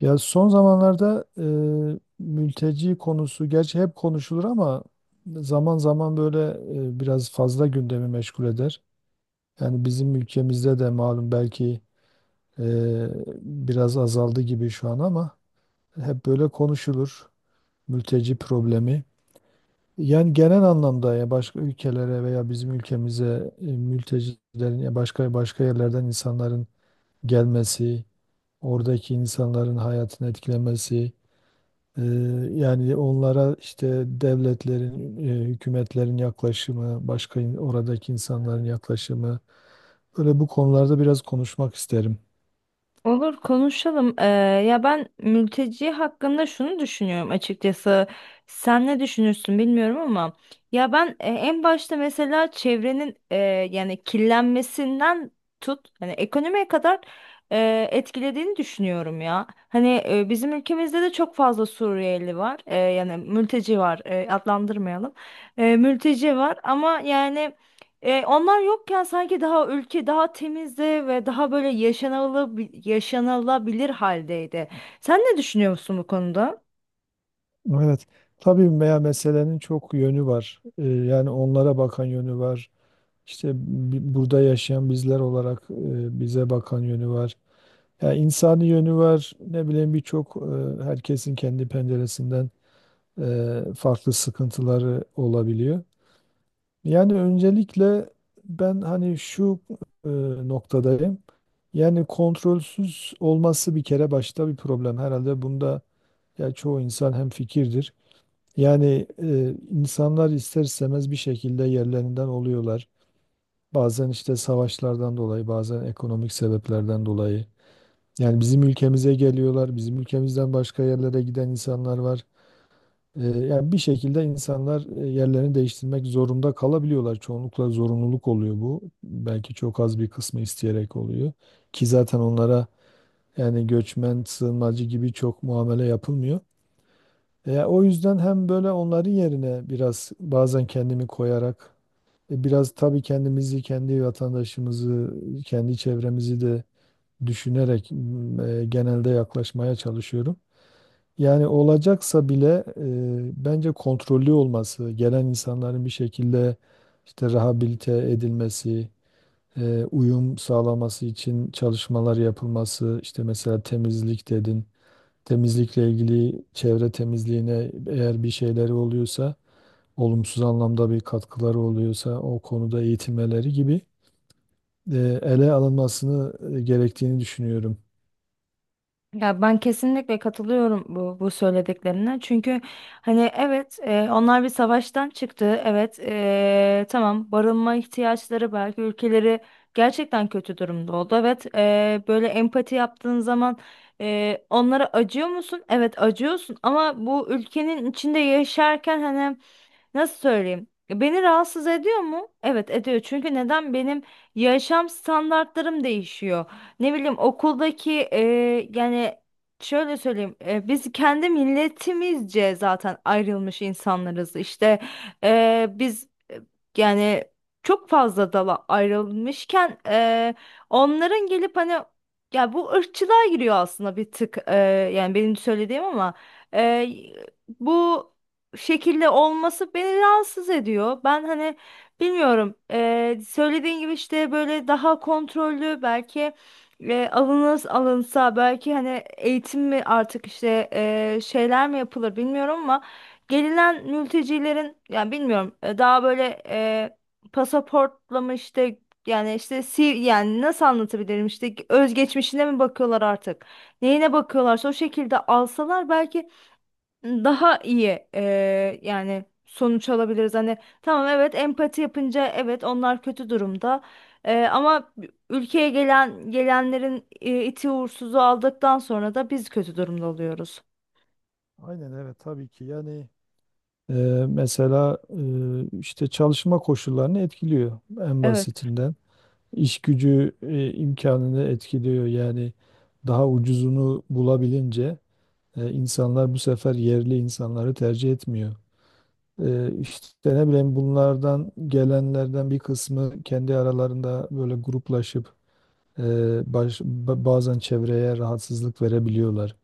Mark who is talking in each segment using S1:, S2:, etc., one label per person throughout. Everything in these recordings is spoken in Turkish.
S1: Ya son zamanlarda mülteci konusu gerçi hep konuşulur ama zaman zaman böyle biraz fazla gündemi meşgul eder. Yani bizim ülkemizde de malum belki e, biraz azaldı gibi şu an ama hep böyle konuşulur mülteci problemi. Yani genel anlamda ya başka ülkelere veya bizim ülkemize mültecilerin ya başka başka yerlerden insanların gelmesi, oradaki insanların hayatını etkilemesi. Ee, Yani onlara işte devletlerin, hükümetlerin yaklaşımı, oradaki insanların yaklaşımı, böyle bu konularda biraz konuşmak isterim.
S2: Olur konuşalım. Ya ben mülteci hakkında şunu düşünüyorum açıkçası. Sen ne düşünürsün bilmiyorum ama ya ben en başta mesela çevrenin yani kirlenmesinden tut hani ekonomiye kadar etkilediğini düşünüyorum ya. Hani bizim ülkemizde de çok fazla Suriyeli var. E, yani mülteci var. E, adlandırmayalım. Mülteci var ama yani onlar yokken sanki daha ülke daha temizdi ve daha böyle yaşanılabilir haldeydi. Sen ne düşünüyorsun bu konuda?
S1: Evet, tabii veya meselenin çok yönü var. Yani onlara bakan yönü var. İşte burada yaşayan bizler olarak bize bakan yönü var. Yani insani yönü var. Ne bileyim birçok herkesin kendi penceresinden. Farklı sıkıntıları olabiliyor. Yani öncelikle ben hani şu e, noktadayım. Yani kontrolsüz olması bir kere başta bir problem. Herhalde bunda ya çoğu insan hem fikirdir. Yani insanlar ister istemez bir şekilde yerlerinden oluyorlar. Bazen işte savaşlardan dolayı, bazen ekonomik sebeplerden dolayı. Yani bizim ülkemize geliyorlar, bizim ülkemizden başka yerlere giden insanlar var. Yani bir şekilde insanlar yerlerini değiştirmek zorunda kalabiliyorlar. Çoğunlukla zorunluluk oluyor bu. Belki çok az bir kısmı isteyerek oluyor. Ki zaten onlara yani göçmen, sığınmacı gibi çok muamele yapılmıyor. O yüzden hem böyle onların yerine biraz bazen kendimi koyarak biraz tabii kendimizi, kendi vatandaşımızı, kendi çevremizi de düşünerek genelde yaklaşmaya çalışıyorum. Yani olacaksa bile bence kontrollü olması, gelen insanların bir şekilde işte rehabilite edilmesi, uyum sağlaması için çalışmalar yapılması, işte mesela temizlik dedin, temizlikle ilgili çevre temizliğine eğer bir şeyleri oluyorsa, olumsuz anlamda bir katkıları oluyorsa o konuda eğitimleri gibi ele alınmasını gerektiğini düşünüyorum.
S2: Ya ben kesinlikle katılıyorum bu söylediklerine. Çünkü hani evet, onlar bir savaştan çıktı. Evet, tamam, barınma ihtiyaçları belki ülkeleri gerçekten kötü durumda oldu. Evet, böyle empati yaptığın zaman onlara acıyor musun? Evet, acıyorsun ama bu ülkenin içinde yaşarken hani nasıl söyleyeyim? Beni rahatsız ediyor mu? Evet, ediyor. Çünkü neden benim yaşam standartlarım değişiyor, ne bileyim okuldaki yani şöyle söyleyeyim, biz kendi milletimizce zaten ayrılmış insanlarız işte, biz yani çok fazla dala ayrılmışken onların gelip hani, ya bu ırkçılığa giriyor aslında bir tık, yani benim söylediğim ama e, bu şekilde olması beni rahatsız ediyor, ben hani bilmiyorum. Söylediğin gibi işte böyle daha kontrollü belki ve alınsa belki hani eğitim mi artık işte, şeyler mi yapılır bilmiyorum ama gelinen mültecilerin, yani bilmiyorum, daha böyle pasaportla mı işte, yani işte si yani nasıl anlatabilirim, işte özgeçmişine mi bakıyorlar artık, neyine bakıyorlarsa o şekilde alsalar belki daha iyi yani sonuç alabiliriz. Hani tamam, evet, empati yapınca evet, onlar kötü durumda. Ama ülkeye gelenlerin iti uğursuzu aldıktan sonra da biz kötü durumda oluyoruz.
S1: Aynen evet tabii ki yani. Ee, Mesela işte çalışma koşullarını etkiliyor en
S2: Evet.
S1: basitinden. İş gücü imkanını etkiliyor. Yani daha ucuzunu bulabilince insanlar bu sefer yerli insanları tercih etmiyor. İşte ne bileyim bunlardan gelenlerden bir kısmı kendi aralarında böyle gruplaşıp e, bazen çevreye rahatsızlık verebiliyorlar.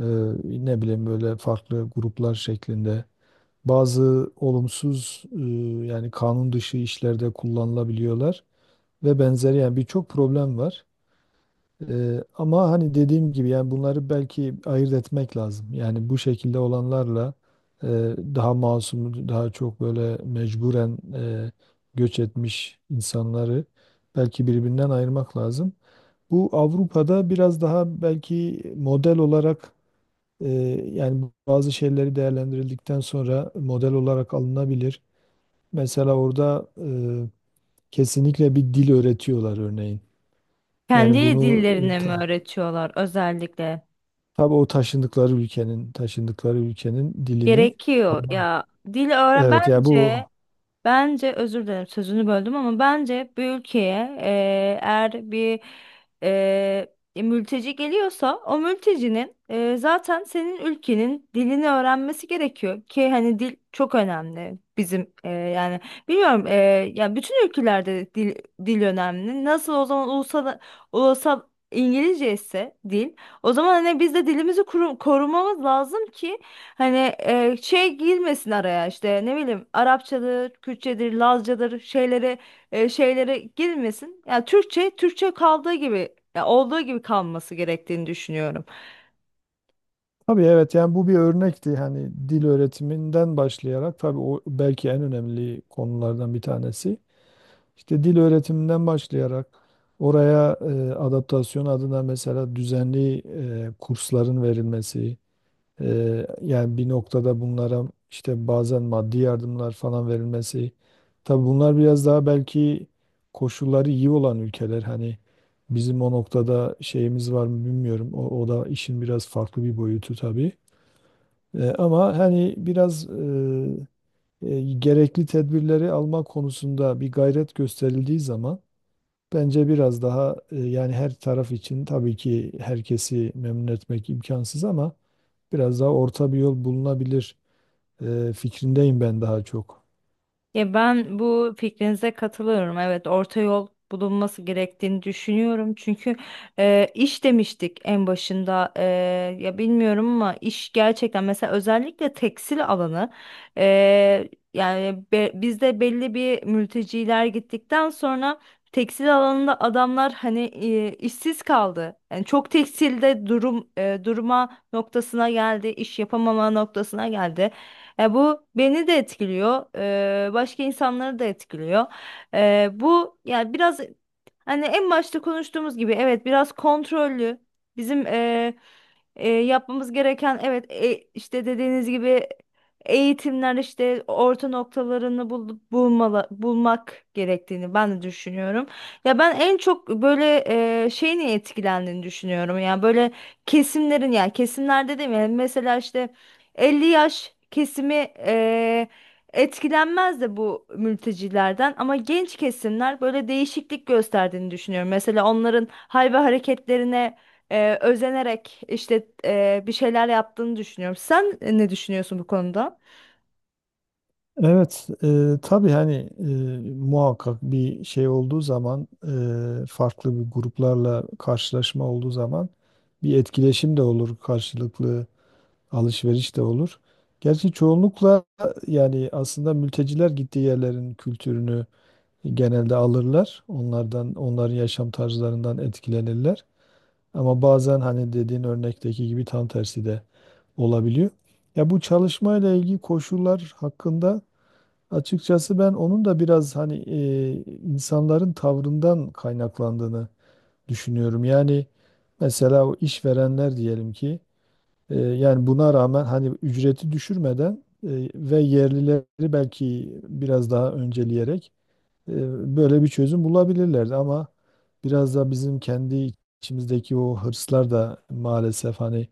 S1: Ee, Ne bileyim böyle farklı gruplar şeklinde bazı olumsuz yani kanun dışı işlerde kullanılabiliyorlar ve benzeri yani birçok problem var. Ama hani dediğim gibi yani bunları belki ayırt etmek lazım. Yani bu şekilde olanlarla e, daha masum, daha çok böyle mecburen göç etmiş insanları belki birbirinden ayırmak lazım. Bu Avrupa'da biraz daha belki model olarak e, yani bazı şeyleri değerlendirildikten sonra model olarak alınabilir. Mesela orada kesinlikle bir dil öğretiyorlar örneğin. Yani
S2: Kendi
S1: bunu
S2: dillerini mi öğretiyorlar özellikle?
S1: tabii o taşındıkları ülkenin dilini.
S2: Gerekiyor
S1: Alman.
S2: ya. Dil öğren
S1: Evet ya bu
S2: bence. Bence, özür dilerim sözünü böldüm, ama bence bir ülkeye eğer bir eee, mülteci geliyorsa, o mültecinin zaten senin ülkenin dilini öğrenmesi gerekiyor ki, hani dil çok önemli bizim. Yani bilmiyorum, ya bütün ülkelerde dil önemli. Nasıl o zaman ulusal İngilizce ise dil, o zaman hani biz de dilimizi korumamız lazım ki hani şey girmesin araya, işte ne bileyim Arapçadır, Kürtçedir, Lazcadır şeylere, şeylere girmesin. Yani Türkçe kaldığı gibi, ya olduğu gibi kalması gerektiğini düşünüyorum.
S1: tabii evet yani bu bir örnekti. Hani dil öğretiminden başlayarak tabii o belki en önemli konulardan bir tanesi. İşte dil öğretiminden başlayarak oraya adaptasyon adına mesela düzenli kursların verilmesi. Yani bir noktada bunlara işte bazen maddi yardımlar falan verilmesi. Tabii bunlar biraz daha belki koşulları iyi olan ülkeler. Hani bizim o noktada şeyimiz var mı bilmiyorum. O da işin biraz farklı bir boyutu tabii. Ama hani biraz gerekli tedbirleri alma konusunda bir gayret gösterildiği zaman bence biraz daha yani her taraf için tabii ki herkesi memnun etmek imkansız ama biraz daha orta bir yol bulunabilir fikrindeyim ben daha çok.
S2: Ya ben bu fikrinize katılıyorum. Evet, orta yol bulunması gerektiğini düşünüyorum. Çünkü iş demiştik en başında. Ya bilmiyorum ama iş gerçekten, mesela özellikle tekstil alanı, e, yani bizde belli bir, mülteciler gittikten sonra tekstil alanında adamlar hani işsiz kaldı. Yani çok tekstilde durum, durma noktasına geldi, iş yapamama noktasına geldi. E, bu beni de etkiliyor, başka insanları da etkiliyor. Bu yani biraz, hani en başta konuştuğumuz gibi evet, biraz kontrollü. Bizim yapmamız gereken, evet, işte dediğiniz gibi eğitimler, işte orta noktalarını bulmalı, bulmak gerektiğini ben de düşünüyorum. Ya ben en çok böyle şeyin etkilendiğini düşünüyorum. Yani böyle kesimlerin, yani kesimlerde değil mi? Mesela işte 50 yaş kesimi etkilenmez de bu mültecilerden, ama genç kesimler böyle değişiklik gösterdiğini düşünüyorum. Mesela onların hal ve hareketlerine özenerek işte bir şeyler yaptığını düşünüyorum. Sen ne düşünüyorsun bu konuda?
S1: Evet, tabii hani muhakkak bir şey olduğu zaman, farklı bir gruplarla karşılaşma olduğu zaman bir etkileşim de olur, karşılıklı alışveriş de olur. Gerçi çoğunlukla yani aslında mülteciler gittiği yerlerin kültürünü genelde alırlar. Onlardan, onların yaşam tarzlarından etkilenirler. Ama bazen hani dediğin örnekteki gibi tam tersi de olabiliyor. Ya bu çalışmayla ilgili koşullar hakkında açıkçası ben onun da biraz hani insanların tavrından kaynaklandığını düşünüyorum. Yani mesela o işverenler diyelim ki yani buna rağmen hani ücreti düşürmeden e, ve yerlileri belki biraz daha önceleyerek e, böyle bir çözüm bulabilirlerdi ama biraz da bizim kendi içimizdeki o hırslar da maalesef hani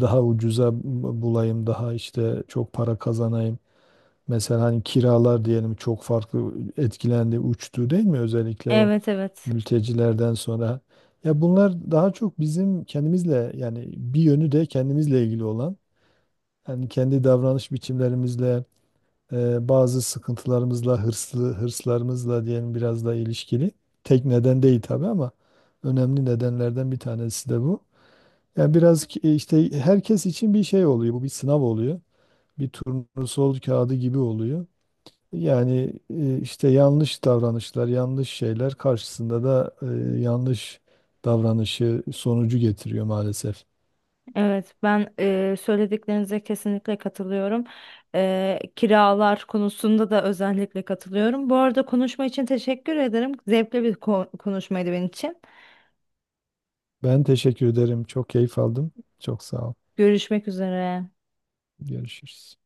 S1: daha ucuza bulayım, daha işte çok para kazanayım. Mesela hani kiralar diyelim çok farklı etkilendi, uçtu değil mi? Özellikle o
S2: Evet, evet.
S1: mültecilerden sonra. Ya bunlar daha çok bizim kendimizle yani bir yönü de kendimizle ilgili olan. Yani kendi davranış biçimlerimizle bazı sıkıntılarımızla, hırslarımızla diyelim biraz da ilişkili. Tek neden değil tabii ama önemli nedenlerden bir tanesi de bu. Yani biraz işte herkes için bir şey oluyor. Bu bir sınav oluyor. Bir turnusol kağıdı gibi oluyor. Yani işte yanlış davranışlar, yanlış şeyler karşısında da yanlış davranışı sonucu getiriyor maalesef.
S2: Evet, ben söylediklerinize kesinlikle katılıyorum. E, kiralar konusunda da özellikle katılıyorum. Bu arada konuşma için teşekkür ederim. Zevkli bir konuşmaydı benim için.
S1: Ben teşekkür ederim. Çok keyif aldım. Çok sağ ol.
S2: Görüşmek üzere.
S1: Görüşürüz.